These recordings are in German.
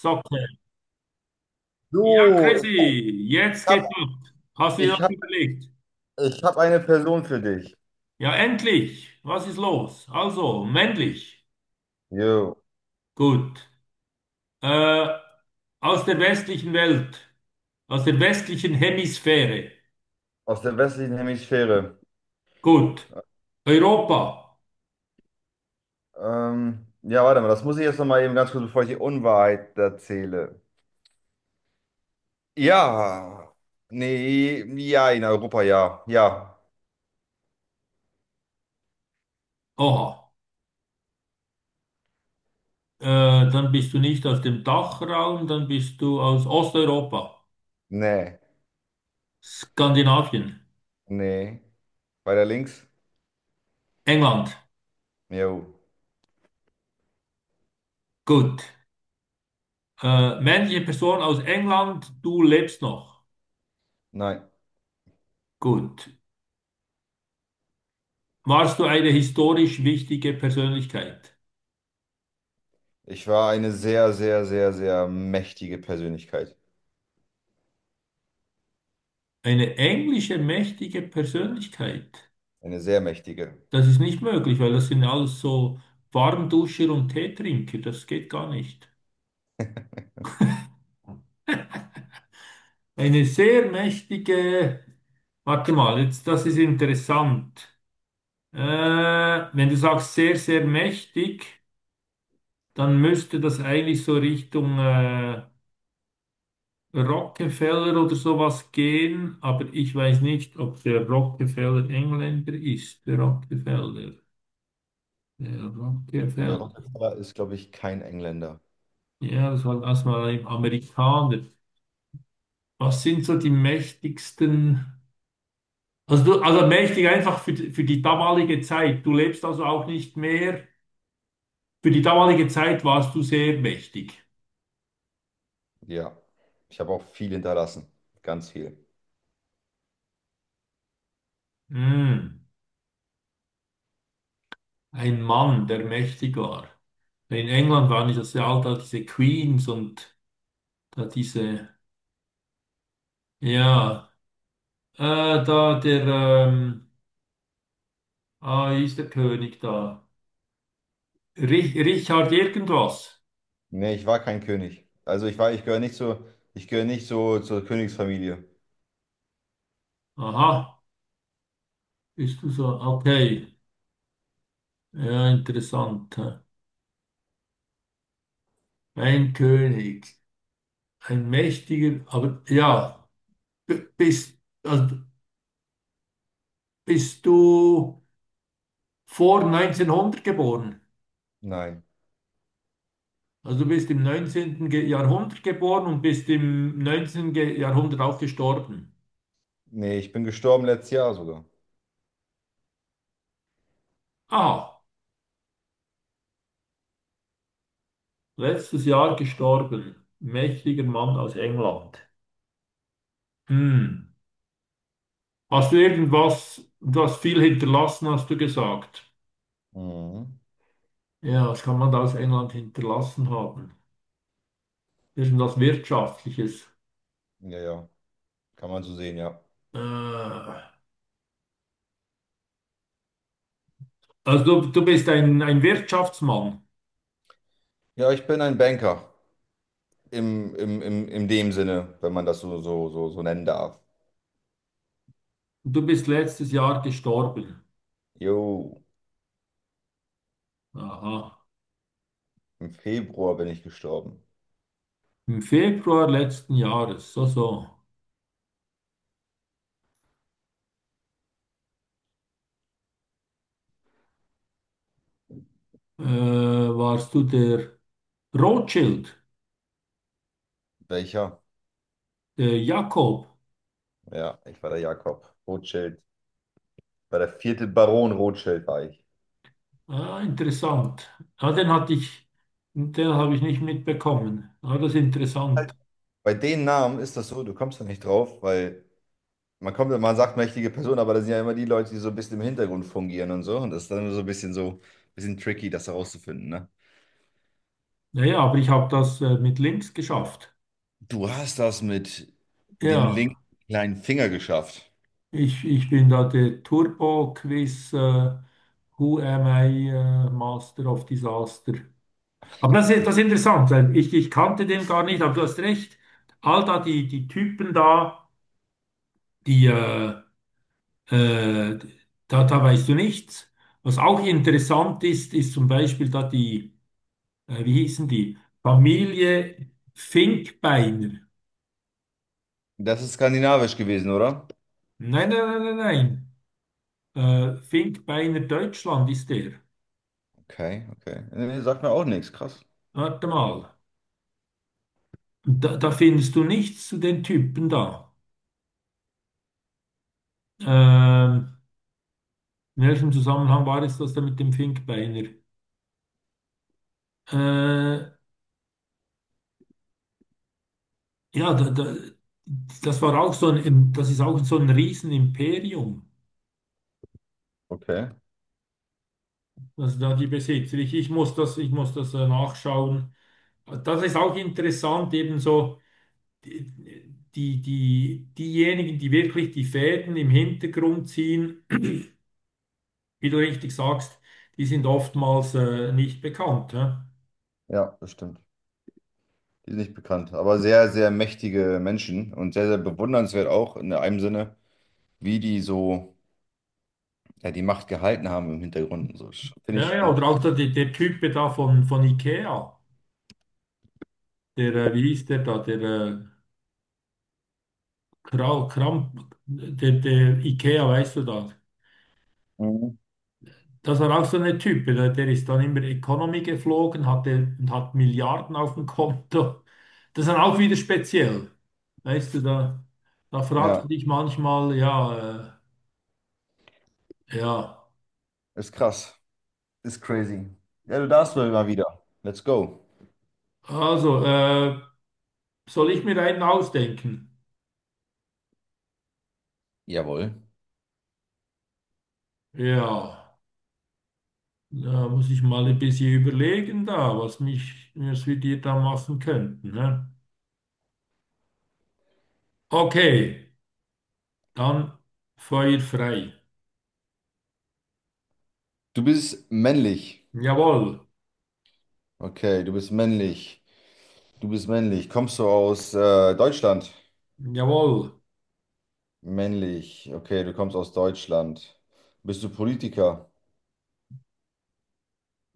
Socke. So, Ja, Chrissy, jetzt ich habe geht's ab. Hast du dir ich das hab, überlegt? ich hab eine Person für dich. Ja, endlich. Was ist los? Also, männlich. Jo, Gut. Äh, Aus der westlichen Welt. Aus der westlichen Hemisphäre. aus der westlichen Hemisphäre. Gut. Europa. Ja, warte mal, das muss ich jetzt nochmal eben ganz kurz, bevor ich die Unwahrheit erzähle. Ja, nee, ja, in Europa, ja, ja, Oha. Äh, Dann bist du nicht aus dem Dachraum, dann bist du aus Osteuropa. nee, Skandinavien. nee. Weiter links? England. Jo, Gut. Männliche Person aus England, du lebst noch. nein. Gut. Warst du eine historisch wichtige Persönlichkeit? Ich war eine sehr, sehr, sehr, sehr mächtige Persönlichkeit. Eine englische mächtige Persönlichkeit. Eine sehr mächtige. Das ist nicht möglich, weil das sind alles so Warmduscher und Teetrinker. Das geht gar nicht. Eine sehr mächtige, warte mal, jetzt, das ist interessant. Äh, Wenn du sagst sehr, sehr mächtig, dann müsste das eigentlich so Richtung Rockefeller oder sowas gehen, aber ich weiß nicht, ob der Rockefeller Engländer ist, der Rockefeller. Der In der Rockefeller. Rockefeller ist, glaube ich, kein Engländer. Ja, das war erstmal ein Amerikaner. Was sind so die mächtigsten? Also, du, also mächtig einfach für, für die damalige Zeit. Du lebst also auch nicht mehr. Für die damalige Zeit warst du sehr mächtig. Ja, ich habe auch viel hinterlassen. Ganz viel. Hm. Ein Mann, der mächtig war. In England waren das ja all da diese Queens und da diese. Ja, da ähm, ah, wie ist der König da? Richard irgendwas. Nee, ich war kein König. Ich gehöre nicht so, ich gehöre nicht so zur Königsfamilie. Aha, bist du so? Okay, ja, interessant. Hä? Ein König, ein mächtiger, aber ja, bist, also bist du vor 1900 geboren? Nein. Also du bist im 19. Jahrhundert geboren und bist im 19. Jahrhundert auch gestorben. Nee, ich bin gestorben letztes Jahr sogar. Ah, letztes Jahr gestorben. Mächtiger Mann aus England. Hm. Hast du irgendwas, das viel hinterlassen, hast du gesagt? Mhm. Ja, was kann man da aus England hinterlassen haben? Irgendwas Wirtschaftliches. Ja, ja. Kann man so sehen, ja. Äh, also du bist ein Wirtschaftsmann. Ja, ich bin ein Banker. In dem Sinne, wenn man das so nennen darf. Du bist letztes Jahr gestorben. Jo, Aha. im Februar bin ich gestorben. Im Februar letzten Jahres. So, so. Warst du der Rothschild, Welcher? der Jakob? Ja, ich war der Jakob Rothschild. War der vierte Baron Rothschild war ich. Ah, interessant. Ah, den hatte ich, den habe ich nicht mitbekommen. Ah, das ist interessant. Bei den Namen ist das so, du kommst da nicht drauf, weil man kommt, man sagt mächtige Person, aber das sind ja immer die Leute, die so ein bisschen im Hintergrund fungieren und so. Und das ist dann so ein bisschen so, bisschen tricky, das herauszufinden, ne? Naja, aber ich habe das mit links geschafft. Du hast das mit dem Ja, linken kleinen Finger geschafft. Ich bin da der Turbo-Quiz, Who am I, Master of Disaster. Aber das ist interessant, weil ich kannte den gar nicht, aber du hast recht. All da die, die Typen da, die, äh, äh, da, da weißt du nichts. Was auch interessant ist, ist zum Beispiel da die, wie hießen die? Familie Finkbeiner. Das ist skandinavisch gewesen, oder? Nein, nein, nein, nein, nein. Finkbeiner Deutschland ist der. Okay, okay. Nee, sagt mir auch nichts, krass. Warte mal. Da, da findest du nichts zu den Typen da. Ähm, in welchem Zusammenhang war es das da mit dem Finkbeiner? Äh, ja, da, da, das war auch so ein, das ist auch so ein Riesenimperium. Okay, Also da die Besitzer. Ich muss das nachschauen. Das ist auch interessant, ebenso die, die, diejenigen, die wirklich die Fäden im Hintergrund ziehen wie du richtig sagst, die sind oftmals nicht bekannt. Hä? ja, das stimmt. Die sind nicht bekannt, aber sehr, sehr mächtige Menschen und sehr, sehr bewundernswert auch in einem Sinne, wie die so, ja, die Macht gehalten haben im Hintergrund und so. Finde ich Ja, ja, schon krass. oder auch der, der Typ da von IKEA, der, wie hieß der da, der Kramp, der, der IKEA, weißt du das? Mhm. Das war auch so ein Typ, der, der ist dann immer Economy geflogen, hatte und hat Milliarden auf dem Konto. Das ist dann auch wieder speziell. Weißt du, da, da fragst du Ja, dich manchmal, ja, ja, ist krass. Ist crazy. Ja, du darfst mal wieder. Let's go. also, soll ich mir einen ausdenken? Jawohl. Ja. Da muss ich mal ein bisschen überlegen da, was mich, was wir dir da machen könnten. Ne? Okay, dann Feuer frei. Du bist männlich. Jawohl, Okay, du bist männlich. Du bist männlich. Kommst du aus Deutschland? jawohl. Männlich. Okay, du kommst aus Deutschland. Bist du Politiker?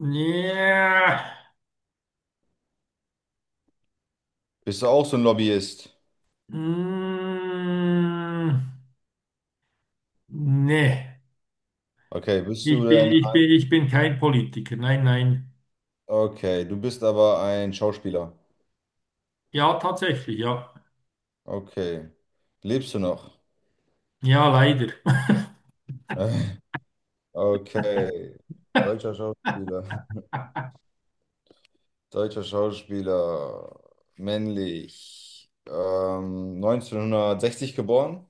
Ja. Bist du auch so ein Lobbyist? Mm, nee, Okay, bist du ich bin, denn... ich bin, ich bin kein Politiker. Nein, nein. Okay, du bist aber ein Schauspieler. Ja, tatsächlich, ja. Okay. Lebst du noch? Ja, leider. Okay. Deutscher Schauspieler. Deutscher Schauspieler, männlich, 1960 geboren,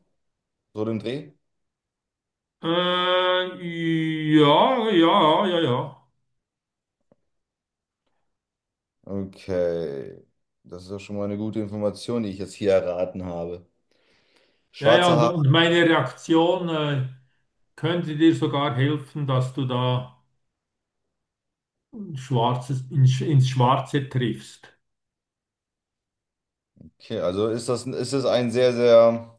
so dem Dreh. Äh, ja, ja, ja, ja. Okay, das ist ja schon mal eine gute Information, die ich jetzt hier erraten habe. Ja, ja, ja, Schwarze Haare, und meine Reaktion, könnte dir sogar helfen, dass du da Schwarzes, ins, ins Schwarze triffst. okay, ist es ein sehr, sehr,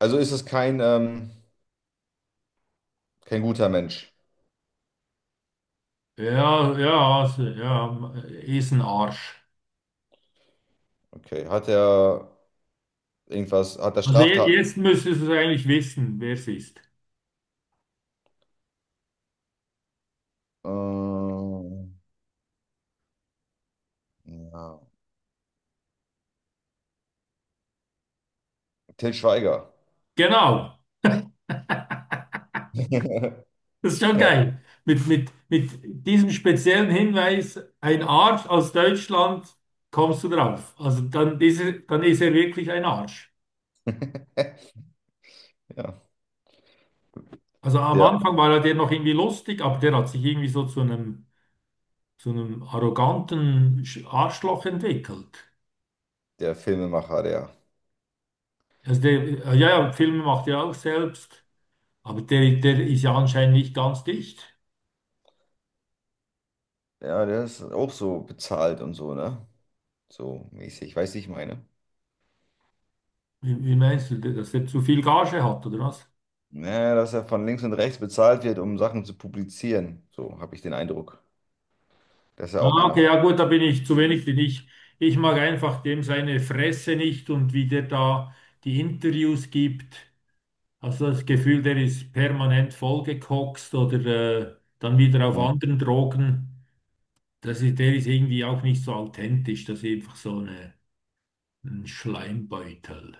also ist es kein, kein guter Mensch. Ja, ja, also, ja, ist ein Arsch. Okay, hat er irgendwas, hat er Also Straftaten? jetzt müsstest du eigentlich wissen, wer es ist. Ähm, ja. Til Schweiger. Genau, das ist schon Ja. geil. Mit diesem speziellen Hinweis, ein Arsch aus Deutschland, kommst du drauf. Also dann ist er wirklich ein Arsch. Ja, Also am der, Anfang war er der noch irgendwie lustig, aber der hat sich irgendwie so zu einem arroganten Arschloch entwickelt. der Filmemacher, der. Also der, ja, ja, Filme macht er auch selbst, aber der, der ist ja anscheinend nicht ganz dicht. Ja, der ist auch so bezahlt und so, ne? So mäßig, weißt du, ich meine. Wie, wie meinst du, dass er zu viel Gage hat, oder was? Naja, dass er von links und rechts bezahlt wird, um Sachen zu publizieren. So habe ich den Eindruck. Das ist ja auch Ah, einer okay, von. ja gut, da bin ich zu wenig, denn ich mag einfach dem seine Fresse nicht und wie der da die Interviews gibt. Also das Gefühl, der ist permanent vollgekokst oder dann wieder auf anderen Drogen. Das ist, der ist irgendwie auch nicht so authentisch, das ist einfach so eine, ein Schleimbeutel.